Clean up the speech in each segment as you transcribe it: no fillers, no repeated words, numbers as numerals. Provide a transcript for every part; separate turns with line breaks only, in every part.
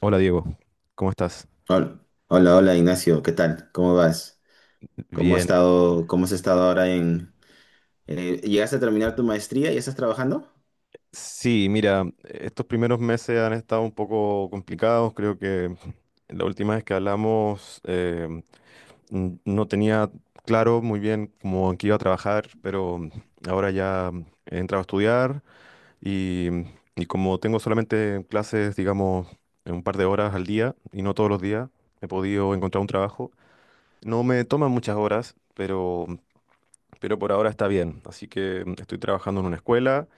Hola Diego, ¿cómo estás?
Hola, hola, hola, Ignacio, ¿qué tal? ¿Cómo vas? ¿Cómo has
Bien.
estado, cómo has estado ahora ¿llegaste a terminar tu maestría? ¿Y estás trabajando?
Sí, mira, estos primeros meses han estado un poco complicados. Creo que la última vez que hablamos no tenía claro muy bien cómo en qué iba a trabajar, pero ahora ya he entrado a estudiar y, y como tengo solamente clases, digamos, en un par de horas al día y no todos los días, he podido encontrar un trabajo. No me toman muchas horas, pero por ahora está bien. Así que estoy trabajando en una escuela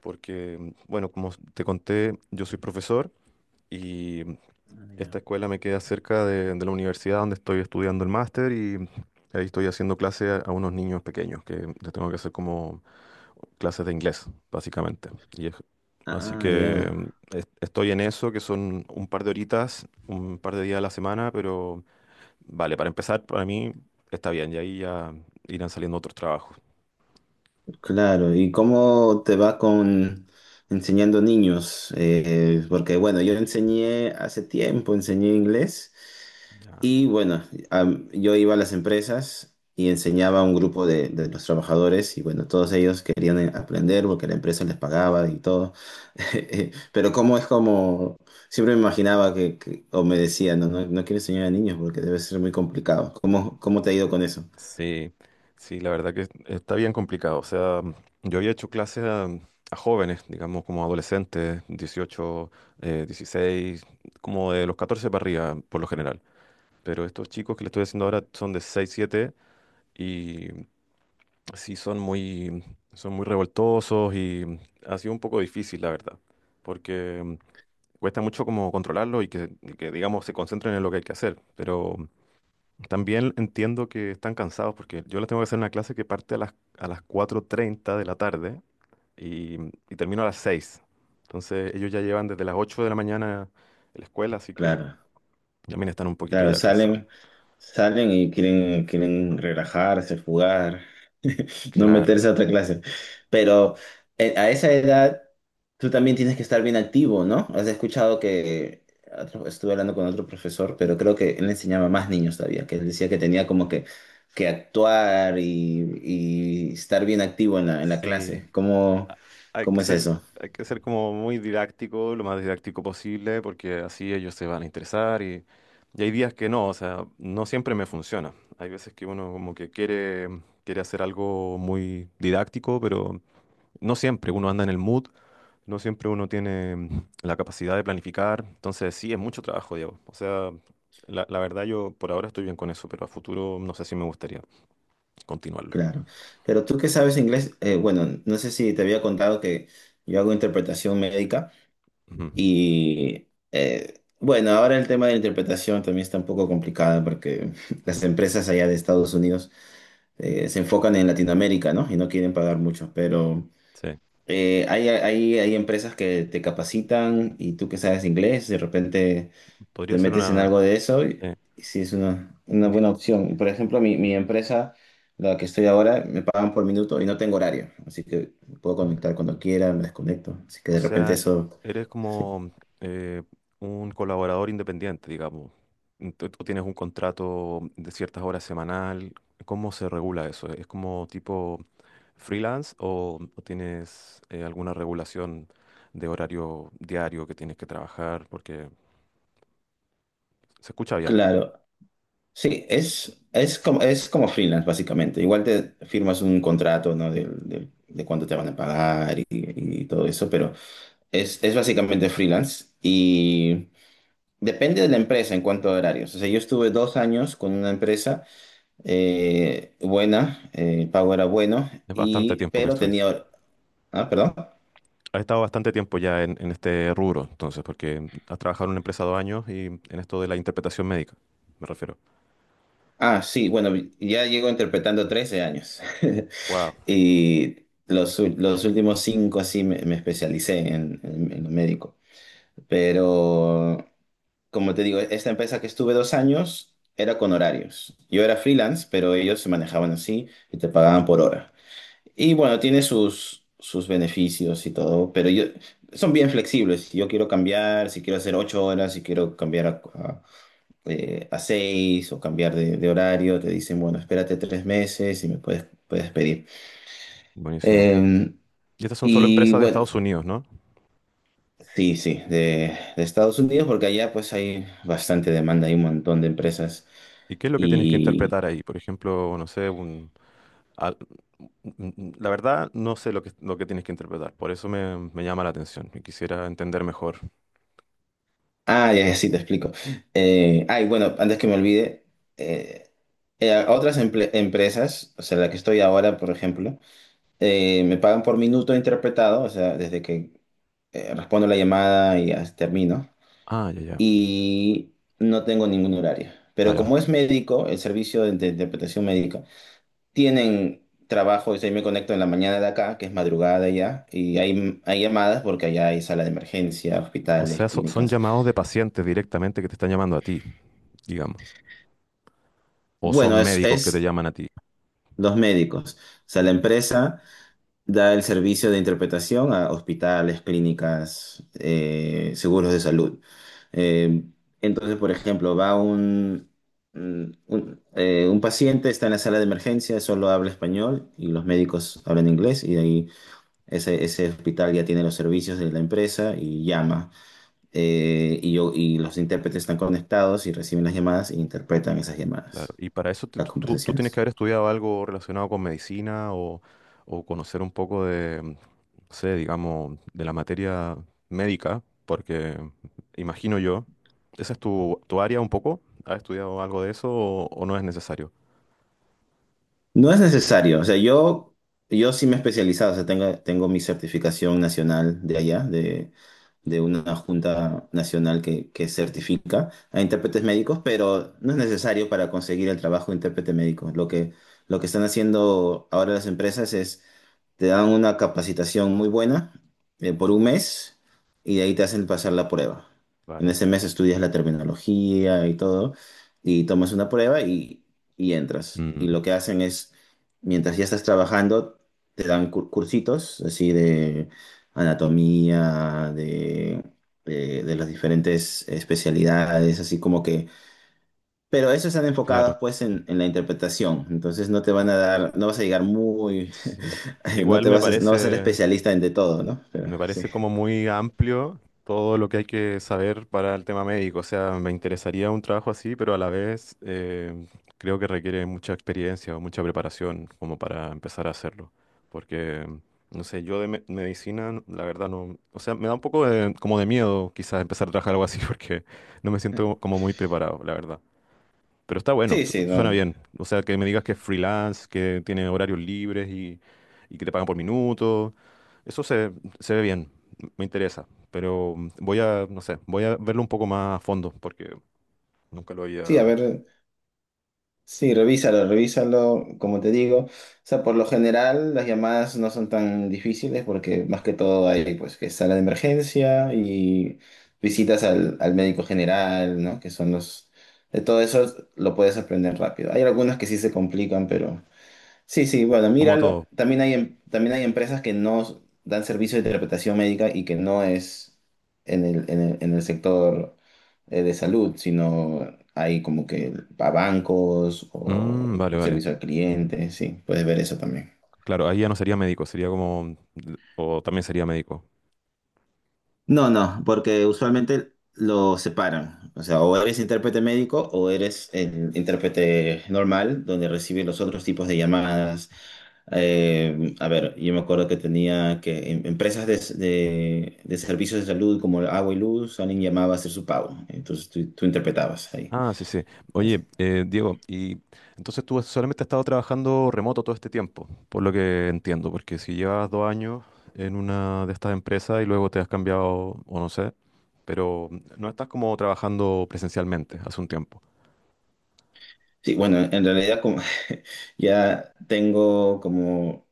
porque, bueno, como te conté, yo soy profesor y
Ah,
esta
ya.
escuela me queda cerca de la universidad donde estoy estudiando el máster y ahí estoy haciendo clase a unos niños pequeños que les tengo que hacer como clases de inglés, básicamente. Y es- Así
Ah,
que
ya.
estoy en eso, que son un par de horitas, un par de días a la semana, pero vale, para empezar, para mí está bien y ahí ya irán saliendo otros trabajos.
Claro. ¿Y cómo te va con enseñando niños? Porque bueno, yo enseñé hace tiempo, enseñé inglés.
Ya.
Y bueno, yo iba a las empresas y enseñaba a un grupo de los trabajadores y bueno, todos ellos querían aprender porque la empresa les pagaba y todo. Pero siempre me imaginaba o me decían, no, no, no quiero enseñar a niños porque debe ser muy complicado. ¿Cómo te ha ido con eso?
Sí, sí, la verdad que está bien complicado. O sea, yo había hecho clases a jóvenes, digamos, como adolescentes, 18, 16, como de los 14 para arriba, por lo general. Pero estos chicos que le estoy haciendo ahora son de 6, 7 y sí son muy, son muy revoltosos y ha sido un poco difícil, la verdad, porque cuesta mucho como controlarlo y que, digamos, se concentren en lo que hay que hacer. Pero también entiendo que están cansados porque yo les tengo que hacer una clase que parte a las 4:30 de la tarde y, y termino a las 6. Entonces ellos ya llevan desde las 8 de la mañana en la escuela, así que
Claro.
también están un poquito
Claro,
ya cansados.
salen y quieren relajarse, jugar, no
Claro,
meterse a otra clase. Pero a esa edad tú también tienes que estar bien activo, ¿no? Has escuchado que estuve hablando con otro profesor, pero creo que él enseñaba a más niños todavía, que él decía que tenía como que actuar, y estar bien activo en la
sí.
clase. ¿Cómo,
a- Hay que
cómo es
ser,
eso?
Hay que ser como muy didáctico, lo más didáctico posible, porque así ellos se van a interesar y hay días que no, o sea, no siempre me funciona. Hay veces que uno como que quiere hacer algo muy didáctico, pero no siempre uno anda en el mood, no siempre uno tiene la capacidad de planificar. Entonces, sí, es mucho trabajo, Diego. O sea, la verdad yo por ahora estoy bien con eso, pero a futuro no sé si me gustaría continuarlo.
Claro. Pero tú que sabes inglés, bueno, no sé si te había contado que yo hago interpretación médica
Ujú.
y bueno, ahora el tema de la interpretación también está un poco complicado porque las empresas allá de Estados Unidos se enfocan en Latinoamérica, ¿no? Y no quieren pagar mucho, pero
Sí,
hay empresas que te capacitan y tú que sabes inglés, de repente
podría
te
ser
metes en
una...
algo de eso
eh,
y sí es una
di-
buena opción. Por ejemplo, mi empresa, la que estoy ahora, me pagan por minuto y no tengo horario, así que puedo conectar cuando quiera, me desconecto. Así que
O
de repente
sea,
eso,
eres
sí.
como eh, un colaborador independiente, digamos. Tú tienes un contrato de ciertas horas semanal. ¿Cómo se regula eso? ¿Es como tipo freelance o tienes alguna regulación de horario diario que tienes que trabajar? Porque se escucha bien.
Claro, sí, es como freelance básicamente. Igual te firmas un contrato, ¿no? De cuánto te van a pagar y todo eso, pero es básicamente freelance y depende de la empresa en cuanto a horarios. O sea, yo estuve 2 años con una empresa buena, el pago era bueno,
Es bastante tiempo que
pero
estuviste.
tenía... Ah, perdón.
Has estado bastante tiempo ya en este rubro, entonces, porque has trabajado en una empresa 2 años y en esto de la interpretación médica, me refiero.
Ah, sí, bueno, ya llego interpretando 13 años.
Wow.
Y los últimos 5 sí me especialicé en lo médico. Pero, como te digo, esta empresa que estuve 2 años era con horarios. Yo era freelance, pero ellos se manejaban así y te pagaban por hora. Y bueno, tiene sus beneficios y todo, pero yo, son bien flexibles. Si yo quiero cambiar, si quiero hacer 8 horas, si quiero cambiar a seis o cambiar de horario, te dicen, bueno, espérate 3 meses y me puedes pedir.
Buenísimo.
Eh,
¿Y estas son solo
y
empresas de
bueno,
Estados Unidos, no?
sí, sí, de Estados Unidos, porque allá pues hay bastante demanda, hay un montón de empresas.
¿Y qué es lo que tienes que interpretar ahí? Por ejemplo, no sé, un, al- un- la verdad no sé lo que tienes que interpretar, por eso me llama la atención y quisiera entender mejor.
Ah, ya, ya, sí, te explico. Ay, bueno, antes que me olvide, eh, otras empresas, o sea, la que estoy ahora, por ejemplo, me pagan por minuto interpretado, o sea, desde que respondo la llamada y termino,
Ah, ya, ya.
y no tengo ningún horario. Pero
Vale,
como es médico, el servicio de interpretación médica, tienen trabajo, o sea, yo me conecto en la mañana de acá, que es madrugada ya, y hay llamadas porque allá hay sala de emergencia, hospitales,
son
clínicas.
llamados de pacientes directamente que te están llamando a ti, digamos. ¿O son
Bueno,
médicos que te
es
llaman a ti?
los médicos. O sea, la
Mm.
empresa da el servicio de interpretación a hospitales, clínicas, seguros de salud. Eh, entonces, por ejemplo, va un paciente, está en la sala de emergencia, solo habla español y los médicos hablan inglés y de ahí ese hospital ya tiene los servicios de la empresa y llama. Y los intérpretes están conectados y reciben las llamadas e interpretan esas
Claro,
llamadas,
y para eso tú,
las
tú- tú tienes que
conversaciones.
haber estudiado algo relacionado con medicina o conocer un poco de, no sé, digamos, de la materia médica, porque imagino yo, ¿esa es tu área un poco? ¿Has estudiado algo de eso o no es necesario?
No es necesario, o sea, yo sí me he especializado, o sea, tengo mi certificación nacional de allá, de una junta nacional que certifica a intérpretes médicos, pero no es necesario para conseguir el trabajo de intérprete médico. Lo que están haciendo ahora las empresas es te dan una capacitación muy buena por un mes y de ahí te hacen pasar la prueba. En
Vale.
ese mes estudias la terminología y todo y tomas una prueba y entras.
Mm,
Y lo que hacen es, mientras ya estás trabajando, te dan cursitos así de anatomía, de las diferentes especialidades, así como que pero esos están
claro,
enfocados pues en la interpretación, entonces no te van a dar, no vas a llegar muy,
sí. Igual me
no vas a ser
parece,
especialista en de todo, ¿no? Pero
Me
sí,
parece como muy amplio todo lo que hay que saber para el tema médico. O sea, me interesaría un trabajo así, pero a la vez creo que requiere mucha experiencia o mucha preparación como para empezar a hacerlo. Porque, no sé, yo de medicina, la verdad no... O sea, me da un poco de, como de miedo quizás empezar a trabajar algo así porque no me siento como muy preparado, la verdad. Pero está bueno,
sí, sí,
suena
no.
bien. O sea, que me digas que es freelance, que tiene horarios libres y que te pagan por minuto. Eso se ve bien, me interesa, pero voy a, no sé, voy a verlo un poco más a fondo porque nunca lo había...
Sí, a ver, sí, revísalo, revísalo, como te digo, o sea, por lo general las llamadas no son tan difíciles porque más que todo hay pues que sala de emergencia y visitas al médico general, ¿no? Que son los, de todo eso lo puedes aprender rápido. Hay algunas que sí se complican, pero... Sí, sí, bueno,
Como
míralo.
todo.
También también hay empresas que no dan servicio de interpretación médica y que no es en el sector de salud, sino hay como que para bancos o
Mm, vale, vale.
servicio al cliente, sí, puedes ver eso también.
Claro, ahí ya no sería médico, sería como... O también sería médico.
No, no, porque usualmente lo separan. O sea, o eres intérprete médico o eres el intérprete normal, donde recibe los otros tipos de llamadas. A ver, yo me acuerdo que tenía empresas de servicios de salud como Agua y Luz, alguien llamaba a hacer su pago. Entonces tú interpretabas ahí.
Ah, sí, sí.
Así.
Oye, Diego, ¿y entonces tú solamente has estado trabajando remoto todo este tiempo, por lo que entiendo, porque si llevas 2 años en una de estas empresas y luego te has cambiado, o no sé, pero no estás como trabajando presencialmente hace un tiempo?
Sí, bueno, en realidad como ya tengo como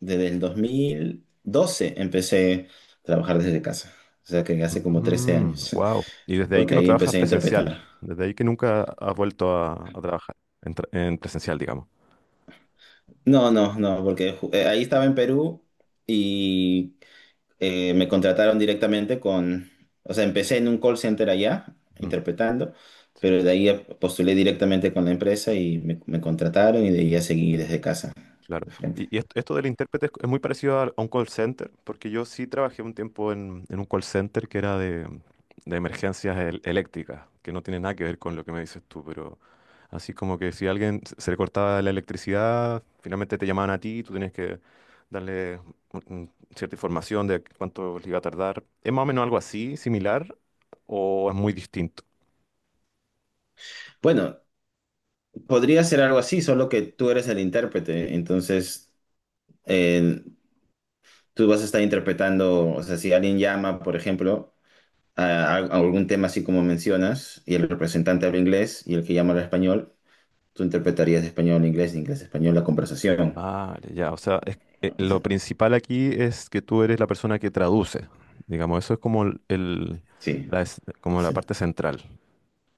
desde el 2012 empecé a trabajar desde casa. O sea que hace como 13 años,
Wow. Y desde ahí que
porque
no
ahí
trabajas
empecé a
presencial,
interpretar.
desde ahí que nunca has vuelto a trabajar en presencial, digamos.
No, no, no, porque ahí estaba en Perú y me contrataron directamente o sea, empecé en un call center allá
Ujú.
interpretando,
Sí,
pero de ahí postulé directamente con la empresa y me contrataron y de ahí ya seguí desde casa,
claro.
de frente.
Y, esto del intérprete es muy parecido a un call center, porque yo sí trabajé un tiempo en un call center que era de emergencias eléctricas, que no tiene nada que ver con lo que me dices tú, pero así como que si a alguien se le cortaba la electricidad, finalmente te llamaban a ti y tú tenías que darle mm, cierta información de cuánto le iba a tardar. ¿Es más o menos algo así, similar, o es muy distinto?
Bueno, podría ser algo así, solo que tú eres el intérprete, entonces eh, tú vas a estar interpretando, o sea, si alguien llama, por ejemplo, a algún tema así como mencionas, y el representante habla inglés y el que llama habla español, tú interpretarías de español a inglés, de inglés a español la conversación.
Vale, ya, o sea,
O
lo
sea,
principal aquí es que tú eres la persona que traduce. Digamos, eso es como el-
sí,
la, es- como la
sí.
parte central,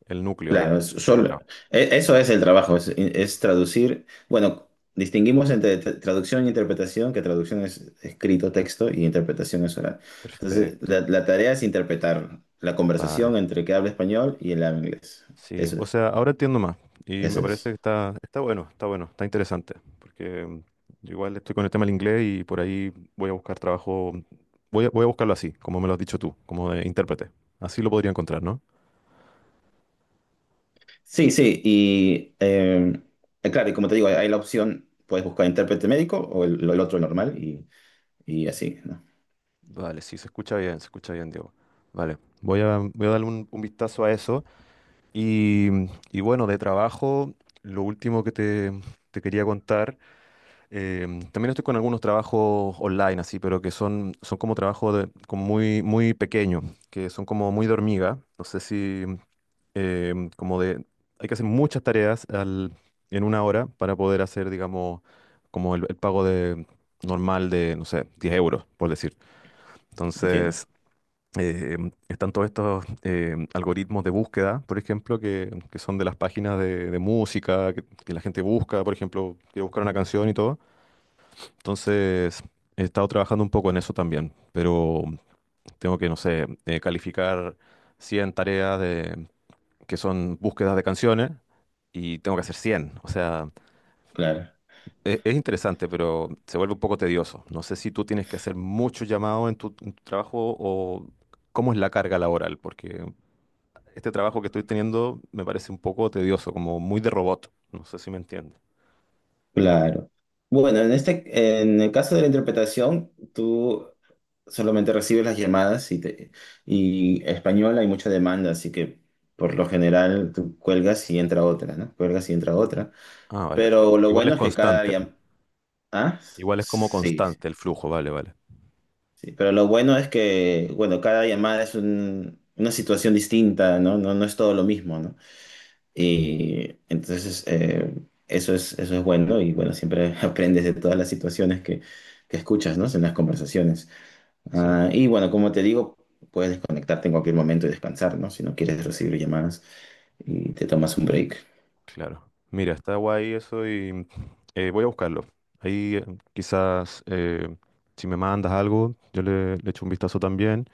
el núcleo de
Claro,
este trabajo.
eso es el trabajo, es traducir. Bueno, distinguimos entre traducción e interpretación, que traducción es escrito, texto, y interpretación es oral. Entonces,
Perfecto,
la tarea es interpretar la
vale.
conversación entre el que habla español y el que habla inglés.
Sí,
Eso,
o sea, ahora entiendo más y me
eso
parece
es.
que está bueno, está bueno, está interesante, porque yo igual estoy con el tema del inglés y por ahí voy a buscar trabajo, voy a buscarlo así, como me lo has dicho tú, como de intérprete. Así lo podría encontrar, ¿no?
Sí, sí, y claro, y como te digo, hay la opción, puedes buscar intérprete médico o el otro normal, y así, ¿no?
Vale, sí, se escucha bien, Diego. Vale, voy a darle un vistazo a eso. Y, y bueno, de trabajo, lo último que te quería contar, eh, también estoy con algunos trabajos online, así, pero que son como trabajos de, como muy, muy pequeños, que son como muy de hormiga. No sé si, como de, hay que hacer muchas tareas en una hora para poder hacer, digamos, como el pago de, normal de, no sé, 10 euros, por decir.
Entiendo.
Entonces eh, están todos estos algoritmos de búsqueda, por ejemplo, que son de las páginas de música, que la gente busca, por ejemplo, quiere buscar una canción y todo. Entonces, he estado trabajando un poco en eso también, pero tengo que, no sé, calificar 100 tareas de, que son búsquedas de canciones y tengo que hacer 100. O sea,
Claro,
es interesante, pero se vuelve un poco tedioso. No sé si tú tienes que hacer mucho llamado en tu trabajo o cómo es la carga laboral, porque este trabajo que estoy teniendo me parece un poco tedioso, como muy de robot. No sé si me entiende.
claro. Bueno, en el caso de la interpretación, tú solamente recibes las llamadas y español hay mucha demanda, así que por lo general tú cuelgas y entra otra, ¿no? Cuelgas y entra otra.
Ah, vale.
Pero lo
Igual es
bueno es que cada...
constante.
Ah,
Igual es como
sí. Sí.
constante el flujo, vale, vale.
Sí, pero lo bueno es que, bueno, cada llamada es una situación distinta, ¿no? No, no es todo lo mismo, ¿no? Y entonces eso es bueno y bueno, siempre aprendes de todas las situaciones que escuchas, ¿no? En las conversaciones.
Sí,
Ah, y bueno, como te digo, puedes desconectarte en cualquier momento y descansar, ¿no? Si no quieres recibir llamadas y te tomas un break.
claro. Mira, está guay eso y voy a buscarlo. Ahí quizás si me mandas algo, yo le echo un vistazo también.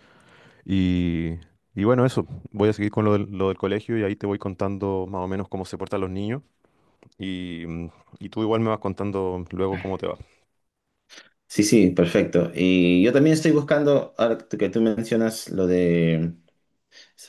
Y, y bueno, eso. Voy a seguir con lo del colegio y ahí te voy contando más o menos cómo se portan los niños. Y, mm, y tú igual me vas contando luego cómo te va,
Sí, sí, perfecto. Y yo también estoy buscando, ahora que tú mencionas lo de...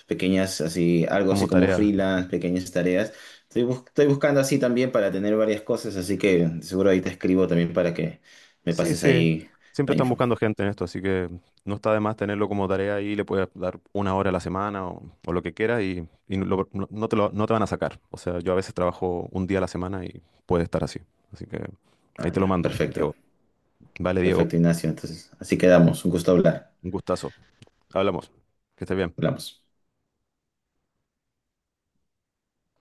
pequeñas así, algo
como
así como
tarea.
freelance, pequeñas tareas. Estoy buscando así también para tener varias cosas, así que seguro ahí te escribo también para que me
Sí,
pases
sí.
ahí
Siempre
la
están
info.
buscando gente en esto, así que no está de más tenerlo como tarea y le puedes dar una hora a la semana o lo que quieras, y no, no, no te no te van a sacar. O sea, yo a veces trabajo un día a la semana y puede estar así. Así que ahí
Ah,
te lo
ya,
mando,
perfecto,
Diego. Vale, Diego.
perfecto, Ignacio. Entonces, así quedamos. Un gusto hablar.
Un gustazo. Hablamos. Que estés bien.
Hablamos.